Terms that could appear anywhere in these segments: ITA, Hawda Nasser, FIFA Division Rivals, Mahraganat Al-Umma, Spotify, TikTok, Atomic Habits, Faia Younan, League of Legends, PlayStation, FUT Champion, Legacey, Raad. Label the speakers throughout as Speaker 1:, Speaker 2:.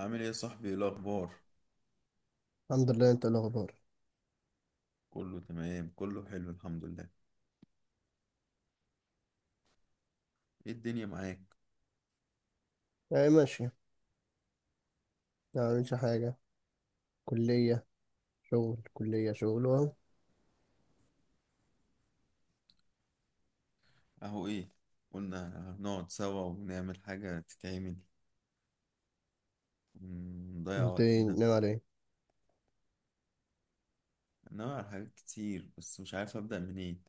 Speaker 1: عامل ايه يا صاحبي؟ ايه الاخبار؟
Speaker 2: الحمد لله. انت ايه الاخبار؟
Speaker 1: كله تمام، كله حلو، الحمد لله. ايه الدنيا معاك؟
Speaker 2: يعني ماشي. يعني مش حاجه. كليه. شغل كليه، شغل اهو.
Speaker 1: اهو ايه؟ قلنا نقعد سوا ونعمل حاجة تتعمل ونضيع
Speaker 2: انت ايه،
Speaker 1: وقتنا.
Speaker 2: ناوي على ايه؟
Speaker 1: ناوي على حاجات كتير، بس مش عارف ابدأ منين.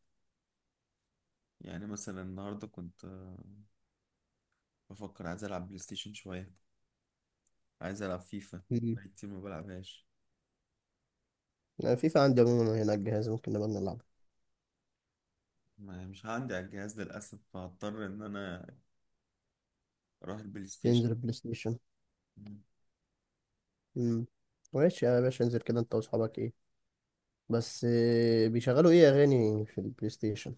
Speaker 1: يعني مثلا النهاردة كنت بفكر، عايز العب بلاي ستيشن شوية، عايز العب فيفا.
Speaker 2: مم.
Speaker 1: بقالي كتير ما بلعبهاش.
Speaker 2: يعني فيفا عندي عموما هنا على الجهاز، ممكن نبقى نلعب.
Speaker 1: مش عندي على الجهاز للاسف، فهضطر ان انا اروح البلاي ستيشن.
Speaker 2: ننزل بلاي ستيشن. مم. ماشي يا باشا، انزل كده انت واصحابك، ايه. بس بيشغلوا ايه اغاني في البلاي ستيشن؟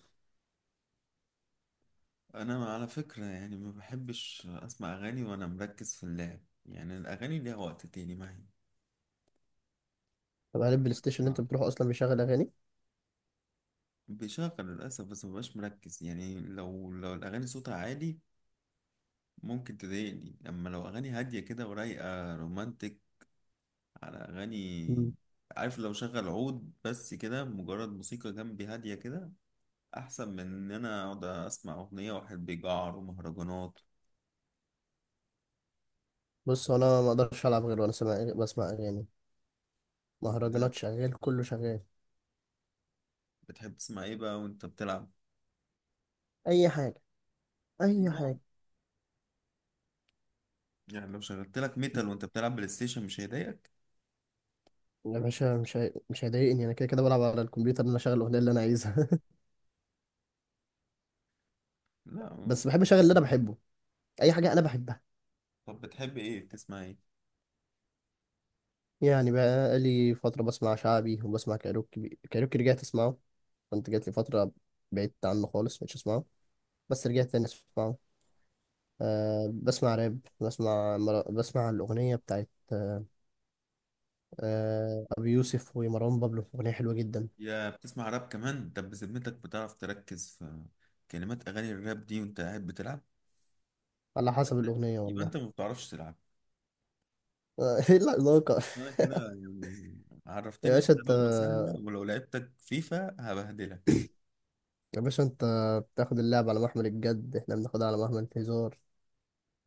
Speaker 1: انا على فكرة يعني ما بحبش اسمع اغاني وانا مركز في اللعب، يعني الاغاني ليها وقت تاني معي.
Speaker 2: طب هل البلاي ستيشن اللي
Speaker 1: بسمع،
Speaker 2: انت بتروحه اصلا بيشغل اغاني؟
Speaker 1: بشغل للاسف، بس ما ببقاش مركز. يعني لو الاغاني صوتها عالي ممكن تضايقني، اما لو اغاني هادية كده ورايقة رومانتك على اغاني.
Speaker 2: مم.
Speaker 1: عارف، لو شغل عود بس كده، مجرد موسيقى جنبي هادية كده، احسن من ان انا اقعد اسمع اغنية واحد بيجعر ومهرجانات.
Speaker 2: بص، هو انا ما اقدرش العب غير وانا سامع، بسمع اغاني.
Speaker 1: بجد؟
Speaker 2: مهرجانات شغال، كله شغال.
Speaker 1: بتحب تسمع ايه بقى وانت بتلعب؟
Speaker 2: اي حاجه، اي حاجه.
Speaker 1: يعني لو شغلت لك ميتال وانت بتلعب بلاي ستيشن مش هيضايقك؟
Speaker 2: يا باشا، مش هيضايقني، انا كده كده بلعب على الكمبيوتر ان انا اشغل الاغنيه اللي انا عايزها.
Speaker 1: لا.
Speaker 2: بس بحب اشغل اللي انا بحبه. اي
Speaker 1: بس.
Speaker 2: حاجه انا بحبها.
Speaker 1: طب بتحب ايه، بتسمع ايه؟
Speaker 2: يعني بقى لي فتره بسمع شعبي وبسمع كايروكي. كايروكي رجعت اسمعه، كنت جات لي فتره بعدت عنه خالص مش اسمعه، بس رجعت تاني اسمعه. بسمع راب. بسمع الاغنيه بتاعت ابي يوسف ومروان بابلو، اغنيه حلوه جدا.
Speaker 1: يا بتسمع راب كمان؟ طب بذمتك بتعرف تركز في كلمات اغاني الراب دي وانت قاعد بتلعب؟
Speaker 2: على
Speaker 1: يبقى
Speaker 2: حسب
Speaker 1: انت
Speaker 2: الاغنيه
Speaker 1: يبقى
Speaker 2: والله.
Speaker 1: انت ما بتعرفش تلعب.
Speaker 2: ايه العلاقه؟
Speaker 1: انا كده يعني،
Speaker 2: يا
Speaker 1: عرفتني
Speaker 2: باشا
Speaker 1: انت
Speaker 2: انت،
Speaker 1: لقمة سهلة، ولو لعبتك فيفا هبهدلك.
Speaker 2: يا باشا انت، بتاخد اللعب على محمل الجد، احنا بناخدها على محمل الهزار.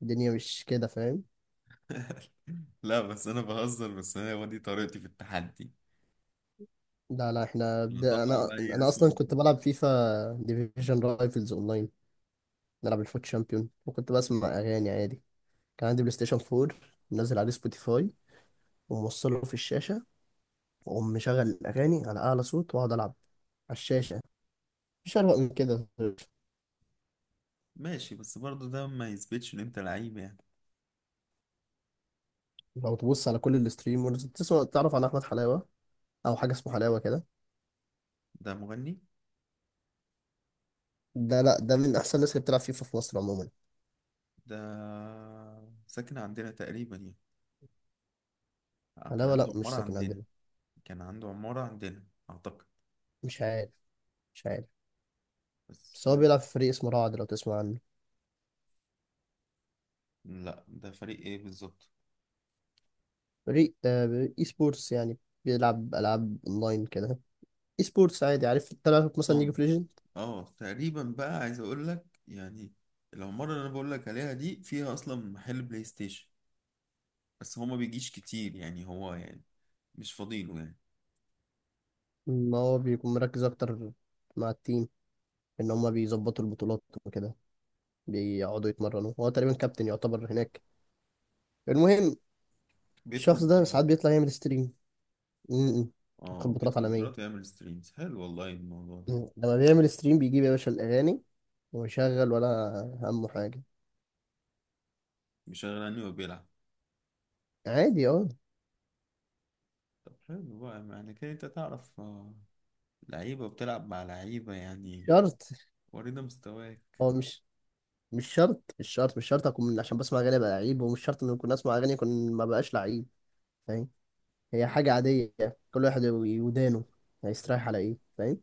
Speaker 2: الدنيا مش كده، فاهم.
Speaker 1: لا بس انا بهزر، بس انا هو دي طريقتي في التحدي.
Speaker 2: لا لا،
Speaker 1: نطلع
Speaker 2: انا
Speaker 1: بقى، ايه
Speaker 2: انا
Speaker 1: اسوأ
Speaker 2: اصلا
Speaker 1: ما
Speaker 2: كنت
Speaker 1: فيه؟
Speaker 2: بلعب فيفا ديفيجن رايفلز اونلاين، نلعب الفوت شامبيون وكنت بسمع اغاني عادي. كان عندي بلاي ستيشن 4، منزل عليه سبوتيفاي، وموصله في الشاشه، واقوم مشغل الاغاني على اعلى صوت واقعد العب على الشاشه. مش اروق من كده.
Speaker 1: ماشي، بس برضه ده ما يثبتش ان انت لعيب يعني.
Speaker 2: لو تبص على كل الستريمرز تسمع، تعرف عن احمد حلاوه، او حاجه اسمه حلاوه كده.
Speaker 1: ده مغني؟
Speaker 2: ده، لا، ده من احسن الناس اللي بتلعب فيفا في مصر عموما.
Speaker 1: ده ساكن عندنا تقريبا يعني، كان
Speaker 2: علاوة، لا
Speaker 1: عنده
Speaker 2: مش
Speaker 1: عمارة
Speaker 2: ساكن
Speaker 1: عندنا.
Speaker 2: عندنا.
Speaker 1: كان عنده عمارة عندنا أعتقد.
Speaker 2: مش عارف، مش عارف.
Speaker 1: بس.
Speaker 2: بس هو بيلعب في فريق اسمه رعد، لو تسمع عنه.
Speaker 1: لا ده فريق إيه بالظبط؟
Speaker 2: فريق اي سبورتس يعني، بيلعب ألعاب اونلاين كده. اي سبورتس عادي، عارف تلعب مثلا ليج
Speaker 1: ضن.
Speaker 2: اوف ليجند.
Speaker 1: اه تقريبا، بقى عايز أقول لك يعني، العمارة اللي أنا بقول لك عليها دي فيها أصلا محل بلاي ستيشن، بس هو ما بيجيش كتير يعني، هو يعني مش فاضيله يعني.
Speaker 2: ما هو بيكون مركز اكتر مع التيم، ان هما بيظبطوا البطولات وكده، بيقعدوا يتمرنوا، هو تقريبا كابتن يعتبر هناك. المهم،
Speaker 1: بيدخل
Speaker 2: الشخص ده
Speaker 1: بطولات؟
Speaker 2: ساعات بيطلع يعمل ستريم. امم. يدخل
Speaker 1: اه
Speaker 2: بطولات
Speaker 1: بيدخل
Speaker 2: عالمية.
Speaker 1: بطولات ويعمل ستريمز، حلو والله الموضوع ده.
Speaker 2: لما بيعمل ستريم بيجيب يا باشا الأغاني ويشغل ولا همه حاجة.
Speaker 1: مش غني وبيلعب؟
Speaker 2: عادي، اه.
Speaker 1: طب حلو بقى، يعني كده انت تعرف لعيبة وبتلعب مع لعيبة يعني.
Speaker 2: شرط.
Speaker 1: ورينا مستواك.
Speaker 2: هو مش، مش شرط، مش شرط، مش شرط اكون عشان بسمع اغاني ابقى لعيب، ومش شرط ان اكون اسمع اغاني اكون ما بقاش لعيب، فاهم. هي حاجه عاديه، كل واحد ودانه هيستريح على ايه، فاهم.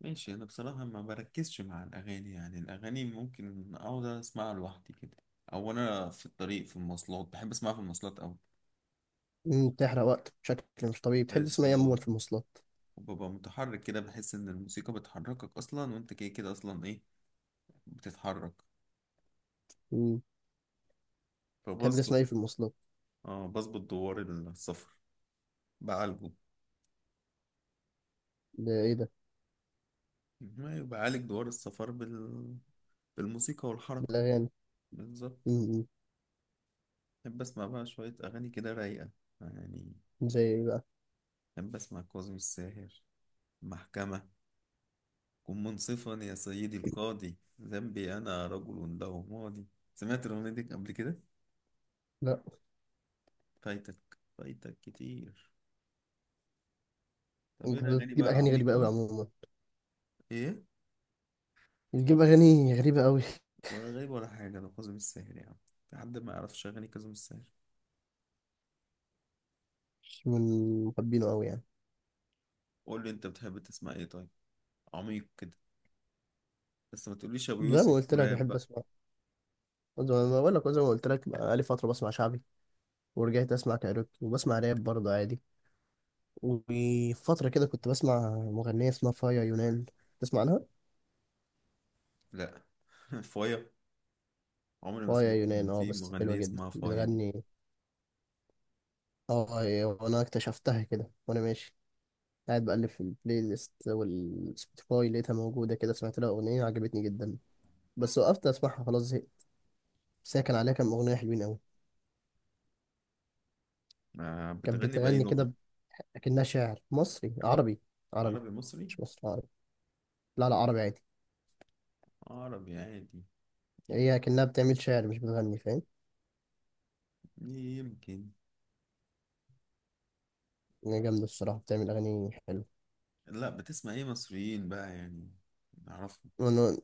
Speaker 1: ماشي. أنا بصراحة ما بركزش مع الأغاني، يعني الأغاني ممكن أقعد أسمعها لوحدي كده، أو أنا في الطريق في المواصلات، بحب أسمعها في المواصلات أوي.
Speaker 2: بتحرق وقت بشكل مش طبيعي. بتحب تسمع ايه عموما
Speaker 1: بالظبط.
Speaker 2: في المواصلات؟
Speaker 1: وببقى متحرك كده، بحس إن الموسيقى بتحركك أصلا، وأنت كده كده أصلا إيه، بتتحرك.
Speaker 2: مم، بتحب
Speaker 1: فبظبط.
Speaker 2: تسمع ايه في المواصلات؟
Speaker 1: آه بظبط، دوار السفر بعالجه.
Speaker 2: ده ايه ده؟
Speaker 1: ما بعالج دوار السفر بالموسيقى والحركة.
Speaker 2: الاغاني.
Speaker 1: بالظبط.
Speaker 2: مم،
Speaker 1: بحب أسمع بقى شوية أغاني كده رايقة يعني.
Speaker 2: زي ايه بقى؟
Speaker 1: أحب أسمع كاظم الساهر، محكمة، كن منصفا يا سيدي القاضي، ذنبي أنا رجل له ماضي. سمعت الأغنية دي قبل كده؟
Speaker 2: لا،
Speaker 1: فايتك، فايتك كتير. طب إيه
Speaker 2: انت
Speaker 1: الأغاني
Speaker 2: بتجيب
Speaker 1: بقى
Speaker 2: اغاني غريبه قوي
Speaker 1: العميقة؟
Speaker 2: عموما.
Speaker 1: إيه؟
Speaker 2: بتجيب اغاني غريبه قوي.
Speaker 1: ولا غريب ولا حاجة، ده كاظم الساهر يا عم. في حد ما يعرفش أغاني كاظم الساهر؟
Speaker 2: مش من محبينه قوي يعني.
Speaker 1: قول لي أنت بتحب تسمع إيه طيب؟ عميق كده، بس ما تقوليش أبو
Speaker 2: زي ما
Speaker 1: يوسف
Speaker 2: قلت لك
Speaker 1: وراب
Speaker 2: بحب
Speaker 1: بقى.
Speaker 2: اسمع، زي ما قلت لك بقى لي فتره بسمع شعبي، ورجعت اسمع كايروكي، وبسمع راب برضه عادي. وفترة كده كنت بسمع مغنية اسمها فايا يونان، تسمع عنها؟
Speaker 1: لا. فايا؟ عمري ما
Speaker 2: فايا
Speaker 1: سمعت إن
Speaker 2: يونان،
Speaker 1: في
Speaker 2: بس حلوة
Speaker 1: مغنية
Speaker 2: جدا
Speaker 1: اسمها فايا دي.
Speaker 2: بتغني. وانا اكتشفتها كده وانا ماشي، قاعد بقلب في البلاي ليست والسبوتيفاي، لقيتها موجودة كده، سمعت لها أغنية عجبتني جدا. بس وقفت أسمعها خلاص، زهقت. بس هي كان عليها كام أغنية حلوين أوي.
Speaker 1: ما
Speaker 2: كانت
Speaker 1: بتغني بأي
Speaker 2: بتغني
Speaker 1: لغة؟
Speaker 2: كده، أكنها شاعر مصري، عربي. عربي،
Speaker 1: عربي مصري؟
Speaker 2: مش مصري، عربي. لا لا، عربي عادي.
Speaker 1: عربي عادي. يم-
Speaker 2: هي أكنها بتعمل شعر، مش بتغني، فاهم.
Speaker 1: يمكن.
Speaker 2: هي جامدة الصراحة، بتعمل أغاني حلوة.
Speaker 1: لا، بتسمع ايه مصريين بقى يعني نعرفهم؟
Speaker 2: وأنا،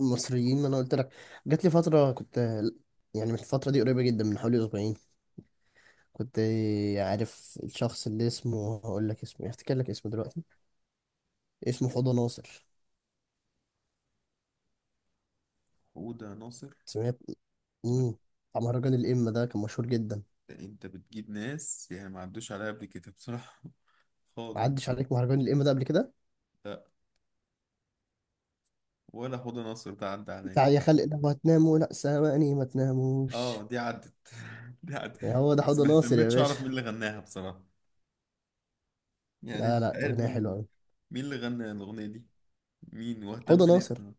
Speaker 2: المصريين، ما أنا قلت لك، جات لي فترة كنت، يعني من الفترة دي قريبة جدا، من حوالي أسبوعين، كنت. عارف الشخص اللي اسمه، هقول لك اسمه، هفتكر لك اسمه دلوقتي. اسمه حوضة ناصر،
Speaker 1: حودة ناصر؟
Speaker 2: سمعت؟
Speaker 1: لا.
Speaker 2: امم. بتاع مهرجان الإمة ده، كان مشهور جدا.
Speaker 1: ده انت بتجيب ناس يعني ما عدوش عليا قبل كده بصراحة،
Speaker 2: ما
Speaker 1: خالص.
Speaker 2: عدش عليك مهرجان الإمة ده قبل كده؟
Speaker 1: لا، ولا حودة ناصر ده عدى عليا.
Speaker 2: بتاع يا خلق لو هتناموا لأ سامعني ما
Speaker 1: اه
Speaker 2: تناموش.
Speaker 1: دي عدت، دي عدت.
Speaker 2: هو ده
Speaker 1: بس
Speaker 2: حوضة
Speaker 1: ما
Speaker 2: ناصر يا
Speaker 1: اهتمتش اعرف
Speaker 2: باشا.
Speaker 1: مين اللي غناها بصراحة، يعني
Speaker 2: لا
Speaker 1: مش
Speaker 2: لا،
Speaker 1: عارف
Speaker 2: أغنية حلوة
Speaker 1: مين.
Speaker 2: أوي.
Speaker 1: مين اللي غنى الأغنية دي؟ مين؟ واهتم
Speaker 2: حوضة
Speaker 1: ليه
Speaker 2: ناصر،
Speaker 1: بصراحة.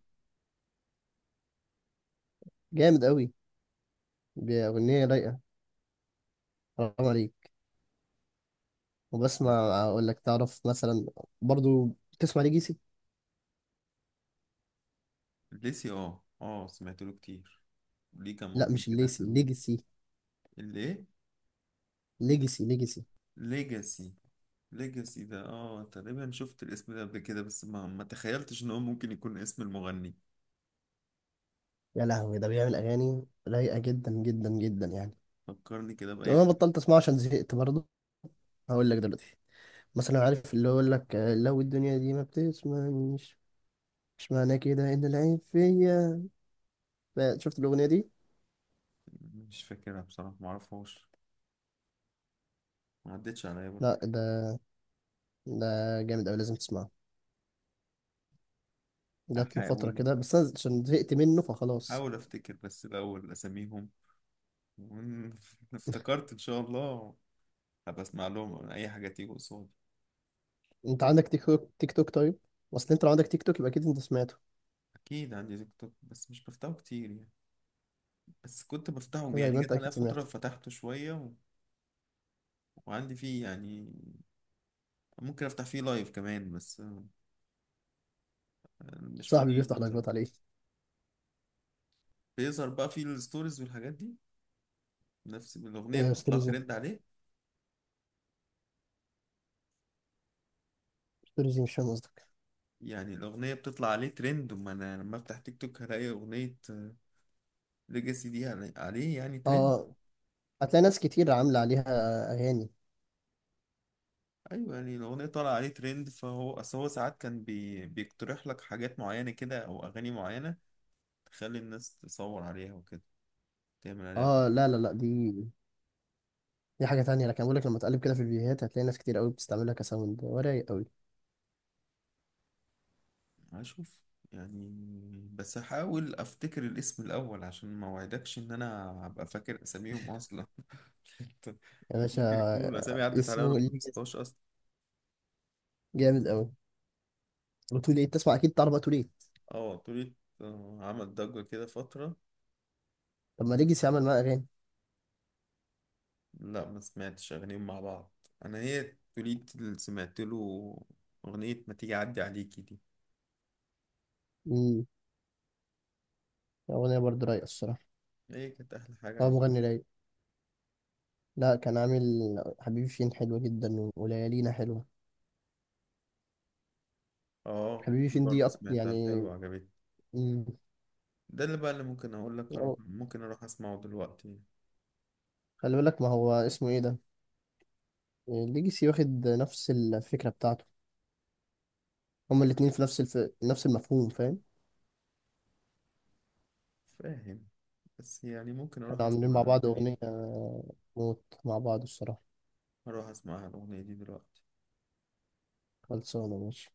Speaker 2: جامد أوي، بأغنية رايقة، حرام عليك. وبسمع،
Speaker 1: معرفش.
Speaker 2: اقول لك، تعرف مثلا برضو تسمع ليجيسي؟
Speaker 1: ليسي؟ اه اه، سمعت له كتير، ليه كام
Speaker 2: لا،
Speaker 1: أغنية
Speaker 2: مش
Speaker 1: كده
Speaker 2: الليسي،
Speaker 1: حلوين.
Speaker 2: ليجيسي.
Speaker 1: اللي ايه؟
Speaker 2: ليجيسي، ليجيسي.
Speaker 1: ليجاسي؟ ليجاسي ده اه تقريبا شفت الاسم ده قبل كده، بس ما تخيلتش ان هو ممكن يكون اسم المغني.
Speaker 2: يا لهوي، ده بيعمل اغاني رايقه جدا جدا جدا يعني.
Speaker 1: فكرني كده بأي
Speaker 2: انا
Speaker 1: حاجة.
Speaker 2: بطلت اسمعه عشان زهقت برضو. هقول لك دلوقتي، مثلا عارف اللي يقول لك لو الدنيا دي ما بتسمعنيش، مش معنى كده ان العين فيا؟ شفت الاغنيه دي؟
Speaker 1: مش فاكرها بصراحة، ما اعرفهاش، ما عدتش عليا برضه.
Speaker 2: لا، ده جامد قوي، لازم تسمعه. جات له فتره
Speaker 1: هحاول
Speaker 2: كده، بس انا عشان زهقت منه فخلاص.
Speaker 1: هحاول افتكر بس الاول اساميهم، وإن افتكرت ان شاء الله هبقى اسمع لهم، اي حاجة تيجي قصادي.
Speaker 2: انت عندك تيك توك؟ تيك توك، طيب. اصل انت لو عندك تيك توك يبقى اكيد انت سمعته،
Speaker 1: اكيد عندي تيك توك، بس مش بفتحه كتير يعني. بس كنت بفتحه
Speaker 2: زي
Speaker 1: يعني،
Speaker 2: ما انت
Speaker 1: جت عليا
Speaker 2: اكيد
Speaker 1: فترة
Speaker 2: سمعت.
Speaker 1: فتحته شوية وعندي فيه يعني، ممكن افتح فيه لايف كمان، بس مش
Speaker 2: صاحبي
Speaker 1: فاضي له
Speaker 2: بيفتح لايفات
Speaker 1: بصراحة.
Speaker 2: عليه.
Speaker 1: بيظهر بقى في الستوريز والحاجات دي، نفس الأغنية بتطلع
Speaker 2: ستوريزي؟
Speaker 1: ترند عليه.
Speaker 2: ستوريزي مش فاهم قصدك.
Speaker 1: يعني الأغنية بتطلع عليه ترند، وما أنا لما أفتح تيك توك هلاقي أغنية ليجاسي دي عليه يعني ترند.
Speaker 2: اه، هتلاقي ناس كتير عامله عليها اغاني.
Speaker 1: أيوة، يعني الأغنية طالعة عليه ترند، فهو أصل هو ساعات كان بيقترح لك حاجات معينة كده، أو أغاني معينة تخلي الناس تصور عليها وكده، تعمل عليها
Speaker 2: اه
Speaker 1: فيديو.
Speaker 2: لا لا لا، دي، دي حاجه تانية. لكن بقول لك، لما تقلب كده في الفيديوهات هتلاقي ناس كتير قوي بتستعملها كساوند، ورايق قوي.
Speaker 1: هشوف يعني. بس هحاول أفتكر الاسم الأول، عشان ما وعدكش إن أنا هبقى فاكر أساميهم أصلا.
Speaker 2: يا باشا،
Speaker 1: ممكن يكون الأسامي عدت عليا وأنا
Speaker 2: اسمه
Speaker 1: ما
Speaker 2: ليجاسي،
Speaker 1: حفظتهاش أصلا.
Speaker 2: جامد قوي. وتو ليت، تسمع اكيد، تعرف بقى تو ليت؟
Speaker 1: اه طولة، عمل ضجة كده فترة.
Speaker 2: طب ما ليجاسي عمل معاه اغاني.
Speaker 1: لا ما سمعتش أغانيهم مع بعض، أنا هي طولية اللي سمعت له، أغنية ما تيجي أعدي عليكي دي.
Speaker 2: امم. اغنيه برضه رايقه الصراحه،
Speaker 1: هي كانت أحلى حاجة
Speaker 2: هو
Speaker 1: عم.
Speaker 2: مغني رايق. لا، كان عامل حبيبي فين، حلوه جدا، وليالينا حلوه.
Speaker 1: اه
Speaker 2: حبيبي
Speaker 1: دي
Speaker 2: فين دي
Speaker 1: برضه
Speaker 2: أكتر
Speaker 1: سمعتها،
Speaker 2: يعني.
Speaker 1: حلوة عجبتني.
Speaker 2: مم.
Speaker 1: ده اللي بقى اللي ممكن أقول لك أروح، ممكن أروح أسمعه دلوقتي.
Speaker 2: خلي بالك، ما هو اسمه ايه ده، ليجاسي واخد نفس الفكرة بتاعته. هما الاتنين في نفس نفس المفهوم، فاهم.
Speaker 1: فاهم. بس يعني ممكن أروح
Speaker 2: كانوا عاملين مع
Speaker 1: أسمع
Speaker 2: بعض
Speaker 1: الأغنية
Speaker 2: أغنية،
Speaker 1: دي.
Speaker 2: موت مع بعض الصراحة.
Speaker 1: أروح أسمع الأغنية دي دلوقتي.
Speaker 2: خلصانة، ماشي.